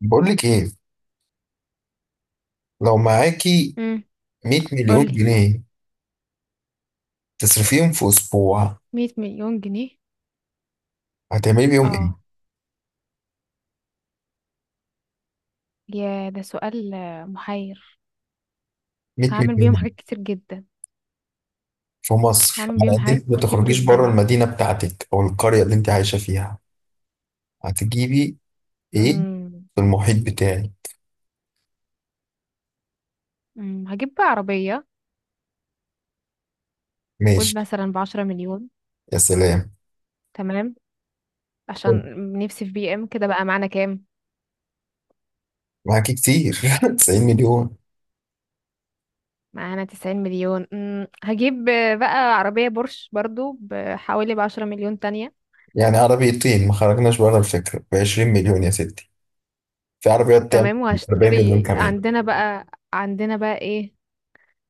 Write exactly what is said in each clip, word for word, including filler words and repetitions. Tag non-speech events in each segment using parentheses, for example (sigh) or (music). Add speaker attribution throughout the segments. Speaker 1: بقول لك ايه لو معاكي
Speaker 2: امم
Speaker 1: 100 مليون
Speaker 2: قولي.
Speaker 1: جنيه تصرفيهم في اسبوع
Speaker 2: مية مليون جنيه.
Speaker 1: هتعملي بيهم
Speaker 2: اه،
Speaker 1: ايه؟
Speaker 2: يا ده سؤال آه، محير.
Speaker 1: 100
Speaker 2: هعمل
Speaker 1: مليون
Speaker 2: بيهم
Speaker 1: جنيه
Speaker 2: حاجات كتير جدا.
Speaker 1: في مصر
Speaker 2: هعمل
Speaker 1: على
Speaker 2: بيهم
Speaker 1: قد
Speaker 2: حاجات
Speaker 1: انت ما
Speaker 2: كتير
Speaker 1: تخرجيش بره
Speaker 2: جدا.
Speaker 1: المدينه بتاعتك او القريه اللي انت عايشه فيها هتجيبي ايه
Speaker 2: امم
Speaker 1: في المحيط بتاعي؟
Speaker 2: أمم، هجيب بقى عربية. قول
Speaker 1: ماشي،
Speaker 2: مثلا بعشرة مليون.
Speaker 1: يا سلام،
Speaker 2: تمام،
Speaker 1: حلو.
Speaker 2: عشان نفسي في بي ام كده بقى، معانا كام؟
Speaker 1: معاكي كتير (laughs) 90 مليون،
Speaker 2: معانا تسعين مليون. أمم، هجيب آه، بقى عربية بورش برضو بحوالي بعشرة مليون تانية.
Speaker 1: يعني عربيتين ما خرجناش بره الفكره ب 20 مليون يا ستي. في عربيات تعمل
Speaker 2: تمام،
Speaker 1: 40 مليون
Speaker 2: وهشتري
Speaker 1: كمان؟
Speaker 2: عندنا بقى. عندنا بقى ايه؟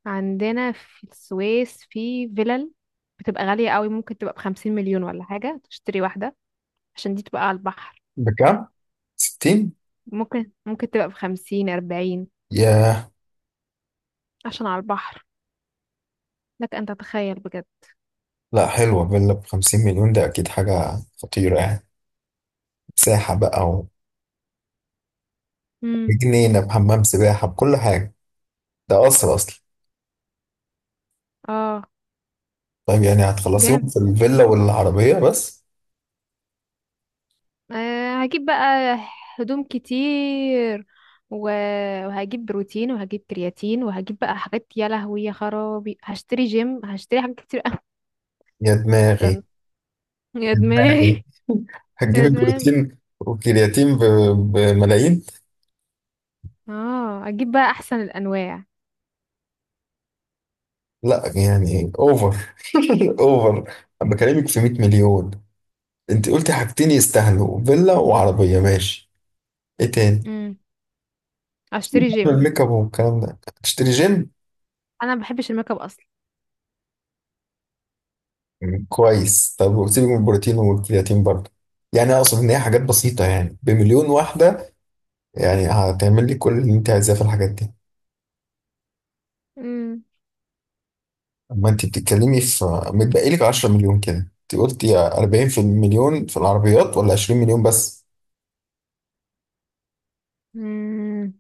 Speaker 2: عندنا في السويس في فيلل، بتبقى غالية قوي، ممكن تبقى بخمسين مليون ولا حاجة، تشتري واحدة عشان دي تبقى على البحر.
Speaker 1: بكام؟ ستين؟
Speaker 2: ممكن ممكن تبقى بخمسين، أربعين،
Speaker 1: ياه.
Speaker 2: عشان على البحر. لك أن تتخيل بجد.
Speaker 1: لا حلوة، فيلا بخمسين مليون ده أكيد حاجة خطيرة يعني. مساحة بقى
Speaker 2: مم.
Speaker 1: وجنينة بحمام سباحة بكل حاجة، ده قصر أصلا.
Speaker 2: اه
Speaker 1: طيب يعني هتخلصيهم
Speaker 2: جامد.
Speaker 1: في الفيلا والعربية بس؟
Speaker 2: آه هجيب بقى هدوم كتير و- وهجيب بروتين، وهجيب كرياتين، وهجيب بقى حاجات، يا لهوي يا خرابي، هشتري جيم، هشتري حاجات كتير
Speaker 1: يا دماغي يا
Speaker 2: أوي. (laughs) يا
Speaker 1: دماغي،
Speaker 2: دماغي
Speaker 1: هتجيب
Speaker 2: يا دماغي.
Speaker 1: البروتين والكرياتين ب- بملايين.
Speaker 2: اه اجيب بقى احسن الانواع.
Speaker 1: لا يعني أوفر (laughs) أوفر، أنا بكلمك في 100 مليون. أنت قلتي حاجتين يستاهلوا، فيلا وعربية ماشي. إيه تاني؟
Speaker 2: مم. اشتري جيم.
Speaker 1: الميك اب والكلام ده هتشتري جيم.
Speaker 2: انا ما بحبش الميك اب اصلا.
Speaker 1: مم. كويس، طب وسيبك من البروتين والكرياتين برضه، يعني اقصد ان هي حاجات بسيطه يعني بمليون واحده، يعني هتعمل لي كل اللي انت عايزاه في الحاجات دي،
Speaker 2: امم
Speaker 1: اما انت بتتكلمي في، متبقي لك 10 مليون كده، انت قلتي أربعين في المليون في العربيات ولا 20 مليون بس.
Speaker 2: مم.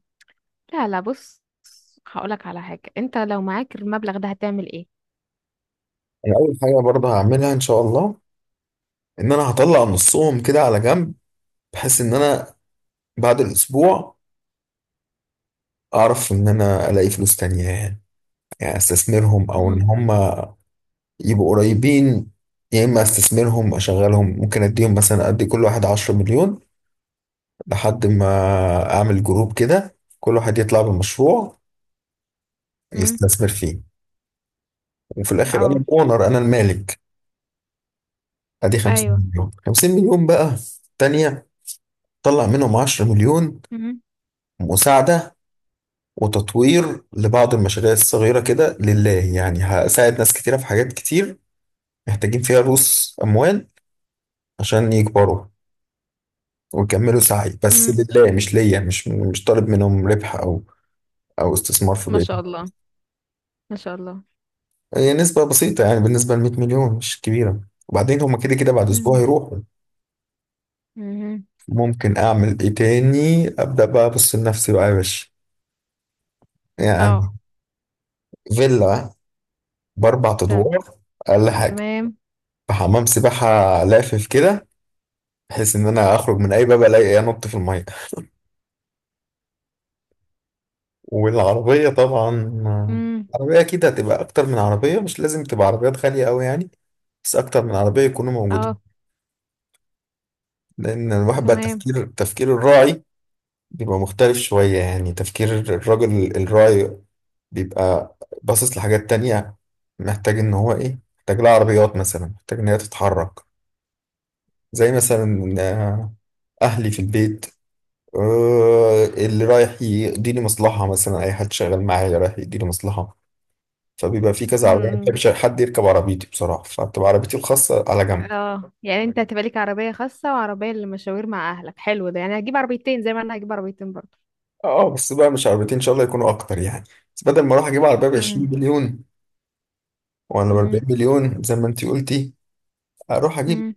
Speaker 2: لا لا بص، هقولك على حاجة، انت لو معاك المبلغ ده هتعمل ايه؟
Speaker 1: انا اول حاجه برضه هعملها ان شاء الله ان انا هطلع نصهم كده على جنب، بحيث ان انا بعد الاسبوع اعرف ان انا الاقي فلوس تانية يعني، يعني استثمرهم او ان
Speaker 2: امم
Speaker 1: هم يبقوا قريبين، يا اما استثمرهم اشغلهم، ممكن اديهم مثلا، ادي كل واحد 10 مليون لحد ما اعمل جروب كده كل واحد يطلع بمشروع
Speaker 2: مم.
Speaker 1: يستثمر فيه، وفي الاخر انا
Speaker 2: اه.
Speaker 1: الاونر انا المالك. ادي 50
Speaker 2: ايوه.
Speaker 1: مليون 50 مليون بقى تانية، طلع منهم 10 مليون
Speaker 2: مم.
Speaker 1: مساعدة وتطوير لبعض المشاريع الصغيرة كده لله، يعني هساعد ناس كتيرة في حاجات كتير محتاجين فيها رؤوس أموال عشان يكبروا ويكملوا سعي، بس
Speaker 2: مم.
Speaker 1: لله مش ليا، مش مش طالب منهم ربح او او استثمار في
Speaker 2: ما
Speaker 1: بيتي.
Speaker 2: شاء الله، ما شاء الله.
Speaker 1: هي نسبة بسيطة يعني بالنسبة ل 100 مليون مش كبيرة، وبعدين هما كده كده بعد اسبوع
Speaker 2: مم.
Speaker 1: هيروحوا.
Speaker 2: مم.
Speaker 1: ممكن اعمل ايه تاني؟ ابدا بقى ابص لنفسي بقى يا باشا
Speaker 2: اه
Speaker 1: يعني، فيلا باربع ادوار اقل حاجة،
Speaker 2: تمام.
Speaker 1: بحمام سباحة، لافف كده، بحيث ان انا اخرج من اي باب الاقي انط في المية، والعربية طبعا.
Speaker 2: مم.
Speaker 1: عربية كده هتبقى اكتر من عربية، مش لازم تبقى عربيات غالية قوي يعني، بس اكتر من عربيه يكونوا موجودين.
Speaker 2: اه
Speaker 1: لأن الواحد بقى
Speaker 2: تمام.
Speaker 1: تفكير تفكير الراعي بيبقى مختلف شوية، يعني تفكير الراجل الراعي بيبقى باصص لحاجات تانية، محتاج إن هو إيه، محتاج لها عربيات مثلا، محتاج إن هي تتحرك، زي مثلا آه، أهلي في البيت، آه، اللي رايح يقضي لي مصلحة، مثلا أي حد شغال معايا رايح يقضي لي مصلحة، فبيبقى في كذا عربية. أنا ما
Speaker 2: مم.
Speaker 1: بحبش حد يركب عربيتي بصراحة فبتبقى عربيتي الخاصة على جنب.
Speaker 2: اه، يعني انت هتبقى ليك عربية خاصة وعربية للمشاوير مع اهلك، حلو ده، يعني هجيب عربيتين زي ما انا هجيب عربيتين برضه.
Speaker 1: اه بس بقى مش عربيتين إن شاء الله يكونوا أكتر يعني، بس بدل ما أروح أجيب عربية ب 20
Speaker 2: امم
Speaker 1: مليون وانا ب 40
Speaker 2: مم.
Speaker 1: مليون زي ما انت قلتي، اروح اجيب
Speaker 2: مم.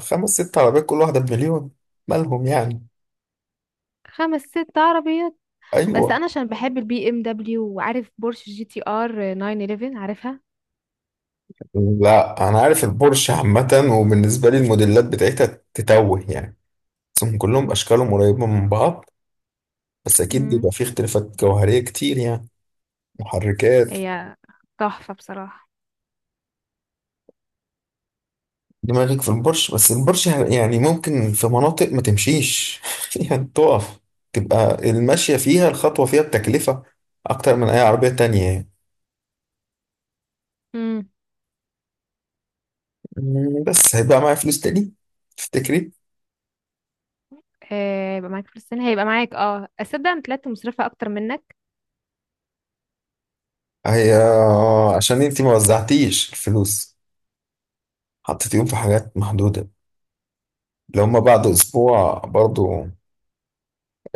Speaker 1: خمس ست عربيات كل واحده بمليون، مالهم يعني.
Speaker 2: خمس ست عربيات. بس
Speaker 1: ايوه.
Speaker 2: انا عشان بحب البي ام دبليو، وعارف بورش جي تي ار تسعة واحد واحد عارفها.
Speaker 1: لا انا عارف البورش عامه، وبالنسبه لي الموديلات بتاعتها تتوه يعني، بس هم كلهم اشكالهم قريبه من بعض، بس اكيد
Speaker 2: امم
Speaker 1: بيبقى فيه اختلافات جوهريه كتير يعني، محركات.
Speaker 2: هي تحفة بصراحة.
Speaker 1: دماغك في البورش، بس البورش يعني ممكن في مناطق ما تمشيش (laughs) يعني تقف، تبقى الماشيه فيها الخطوه فيها بتكلفه اكتر من اي عربيه تانية يعني.
Speaker 2: امم
Speaker 1: مم، بس هيبقى معايا فلوس تاني، تفتكري؟
Speaker 2: آه، يبقى معاك فلوس السنة، هيبقى معاك. اه اصدق انا طلعت مصرفة اكتر منك.
Speaker 1: هي عشان انتي ما وزعتيش الفلوس، حطيتيهم في حاجات محدودة، لو هما بعد اسبوع برضو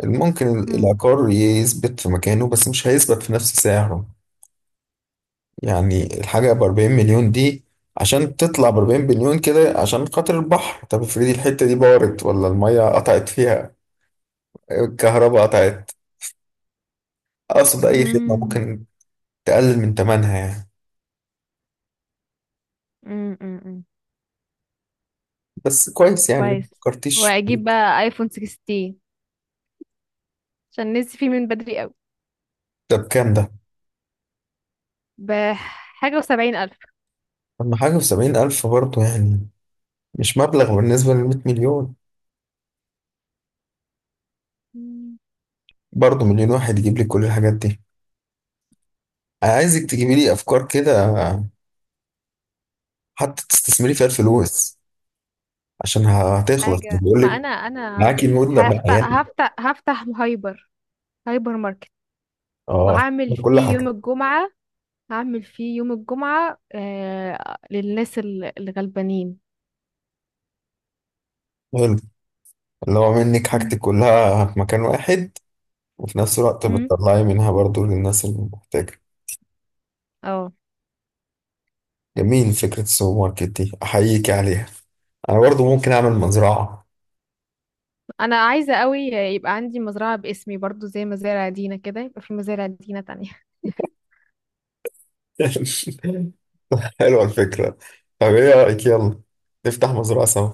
Speaker 1: ممكن
Speaker 2: امم
Speaker 1: العقار يثبت في مكانه بس مش هيثبت في نفس سعره، يعني الحاجة ب 40 مليون دي، عشان تطلع ب 40 مليون كده عشان خاطر البحر، طب افرضي الحتة دي بارت ولا المية قطعت فيها، الكهرباء قطعت، اقصد اي خدمة
Speaker 2: امم
Speaker 1: ممكن تقلل من تمنها يعني.
Speaker 2: امم امم
Speaker 1: بس كويس يعني ما
Speaker 2: كويس.
Speaker 1: فكرتيش.
Speaker 2: واجيب بقى ايفون ستاشر، عشان نسي فيه من بدري قوي.
Speaker 1: ده بكام ده؟
Speaker 2: بحاجة وسبعين الف.
Speaker 1: أما حاجة في سبعين ألف برضه يعني، مش مبلغ بالنسبة للمية مليون،
Speaker 2: امم
Speaker 1: برضه مليون واحد يجيب لك كل الحاجات دي. أنا عايزك تجيبي لي أفكار كده حتى تستثمري فيها الفلوس، عشان هتخلص
Speaker 2: حاجة.
Speaker 1: بيقول
Speaker 2: ما
Speaker 1: لك،
Speaker 2: انا انا
Speaker 1: معاكي المدة بقى
Speaker 2: هفتح
Speaker 1: يعني.
Speaker 2: هفتح هفتح هايبر، هايبر ماركت،
Speaker 1: اه،
Speaker 2: وهعمل
Speaker 1: كل
Speaker 2: فيه يوم
Speaker 1: حاجة،
Speaker 2: الجمعة. هعمل فيه يوم الجمعة آه للناس ال- الغلبانين.
Speaker 1: حلو، اللي هو منك حاجتك
Speaker 2: مم.
Speaker 1: كلها في مكان واحد، وفي نفس الوقت
Speaker 2: مم.
Speaker 1: بتطلعي منها برضه للناس اللي محتاجة.
Speaker 2: اه،
Speaker 1: جميل، فكرة السوبر ماركت دي أحييك عليها. أنا برضه ممكن أعمل مزرعة.
Speaker 2: انا عايزة قوي يبقى عندي مزرعة باسمي برضو، زي مزارع دينا كده، يبقى في مزارع دينا تانية.
Speaker 1: (laughs) حلوة الفكرة، طب ايه رأيك يلا نفتح مزرعة سوا،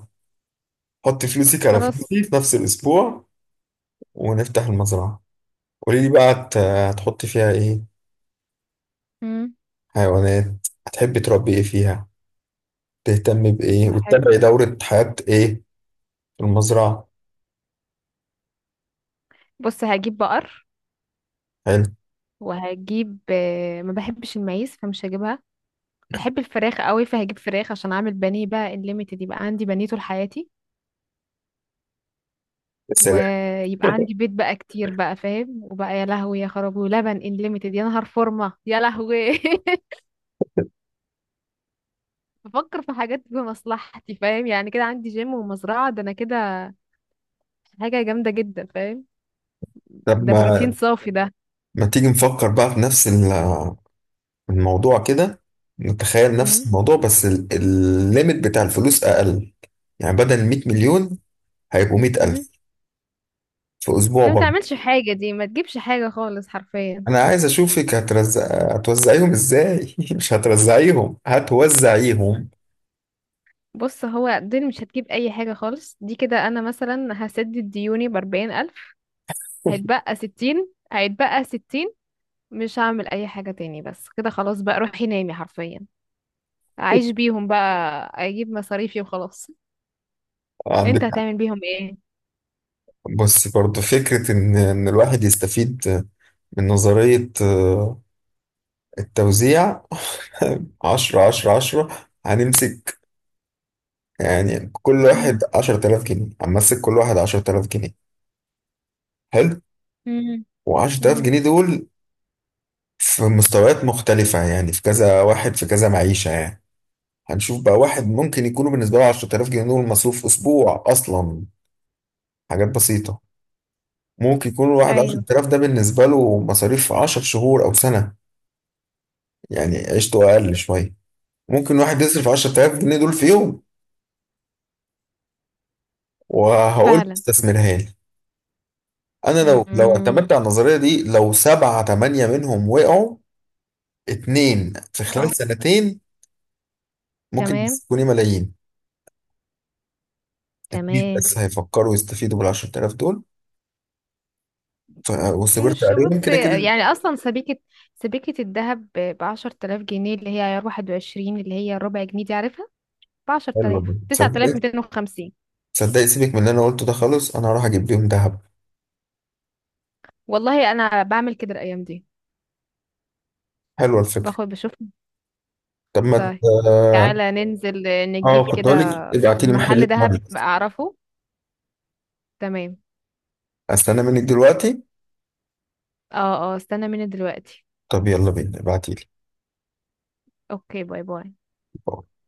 Speaker 1: حط فلوسك
Speaker 2: (laughs)
Speaker 1: على
Speaker 2: خلاص.
Speaker 1: فلوسي في نفس الأسبوع، ونفتح المزرعة. قولي لي بقى هت- هتحطي فيها ايه،
Speaker 2: مم.
Speaker 1: حيوانات هتحبي تربي ايه فيها، تهتمي بإيه
Speaker 2: هحب.
Speaker 1: وتتابعي دورة حياة ايه في المزرعة.
Speaker 2: بص، هجيب بقر،
Speaker 1: حلو،
Speaker 2: وهجيب آه، ما بحبش المعيز فمش هجيبها. بحب الفراخ قوي فهجيب فراخ، عشان اعمل بانيه بقى الليميتد، يبقى عندي بانيه طول حياتي.
Speaker 1: يا سلام.
Speaker 2: ويبقى عندي بيت بقى كتير بقى فاهم، وبقى يا لهوي يا خرابي، ولبن انليميتد، يا نهار فورمه، يا لهوي. (laughs) بفكر في حاجات بمصلحتي، فاهم يعني، كده عندي جيم ومزرعة، ده انا كده حاجة جامدة جدا، فاهم؟
Speaker 1: طب
Speaker 2: ده بروتين
Speaker 1: ما
Speaker 2: صافي ده.
Speaker 1: ما تيجي نفكر بقى في نفس ال- الموضوع كده، نتخيل نفس
Speaker 2: امم
Speaker 1: الموضوع بس ال- الليميت بتاع الفلوس أقل، يعني بدل 100 مليون هيبقوا 100
Speaker 2: امم
Speaker 1: ألف في أسبوع
Speaker 2: ده ما
Speaker 1: برضه.
Speaker 2: تعملش حاجة، دي ما تجيبش حاجة خالص حرفيا.
Speaker 1: انا عايز اشوفك هترز... هتوزعيهم ازاي (laughs) مش هترزعيهم هتوزعيهم.
Speaker 2: بص هو دول مش هتجيب أي حاجة خالص، دي كده أنا مثلا هسدد ديوني بأربعين ألف، هيتبقى ستين، هيتبقى ستين. مش هعمل أي حاجة تاني، بس كده خلاص بقى، روحي نامي حرفيا، أعيش بيهم بقى، أجيب مصاريفي وخلاص. أنت
Speaker 1: عندك حق.
Speaker 2: هتعمل بيهم إيه؟
Speaker 1: بص برضو فكرة ان ان الواحد يستفيد من نظرية آه، التوزيع. (laughs) عشرة عشرة عشرة هنمسك، يعني كل واحد
Speaker 2: امم
Speaker 1: عشرة آلاف جنيه، هنمسك كل واحد عشرة آلاف جنيه. حلو، وعشرة آلاف
Speaker 2: امم
Speaker 1: جنيه دول في مستويات مختلفة يعني، في كذا واحد في كذا معيشة يعني، هنشوف بقى. واحد ممكن يكونوا بالنسبة له عشر تلاف جنيه دول مصروف أسبوع أصلا، حاجات بسيطة. ممكن يكون الواحد
Speaker 2: ايوه.
Speaker 1: عشر تلاف ده بالنسبة له مصاريف عشر شهور أو سنة، يعني عيشته أقل شوية. ممكن واحد يصرف عشرة آلاف جنيه دول في يوم، وهقول له
Speaker 2: فعلا.
Speaker 1: استثمرها لي. أنا لو لو
Speaker 2: امم
Speaker 1: اعتمدت على النظرية دي، لو سبعة تمانية منهم وقعوا، اتنين في
Speaker 2: اه
Speaker 1: خلال سنتين ممكن
Speaker 2: تمام
Speaker 1: يكونوا ملايين. اتنين
Speaker 2: تمام.
Speaker 1: بس هيفكروا يستفيدوا بال عشر تلاف دول، ف... وصبرت
Speaker 2: مش
Speaker 1: عليهم
Speaker 2: بص،
Speaker 1: كده كده.
Speaker 2: يعني اصلا سبيكة، سبيكة الذهب بعشر تلاف جنيه، اللي هي عيار واحد وعشرين، اللي هي ربع جنيه دي عارفها، بعشر
Speaker 1: حلو والله.
Speaker 2: تلاف تسعة
Speaker 1: صدقني،
Speaker 2: تلاف ميتين وخمسين
Speaker 1: صدقني سيبك من اللي أنا قلته ده خالص، أنا هروح أجيب بيهم ذهب.
Speaker 2: والله انا بعمل كده الايام دي،
Speaker 1: حلوة الفكرة،
Speaker 2: باخد بشوف.
Speaker 1: طب ما
Speaker 2: طيب،
Speaker 1: ت-
Speaker 2: تعالى ننزل آه، نجيب
Speaker 1: اه كنت
Speaker 2: كده
Speaker 1: اقول لك ابعتي لي
Speaker 2: من
Speaker 1: محل
Speaker 2: محل ذهب
Speaker 1: كويس.
Speaker 2: اعرفه. تمام.
Speaker 1: استنى منك دلوقتي؟
Speaker 2: اه اه، استنى مني دلوقتي.
Speaker 1: طب يلا بينا، ابعتي
Speaker 2: اوكي باي باي.
Speaker 1: لي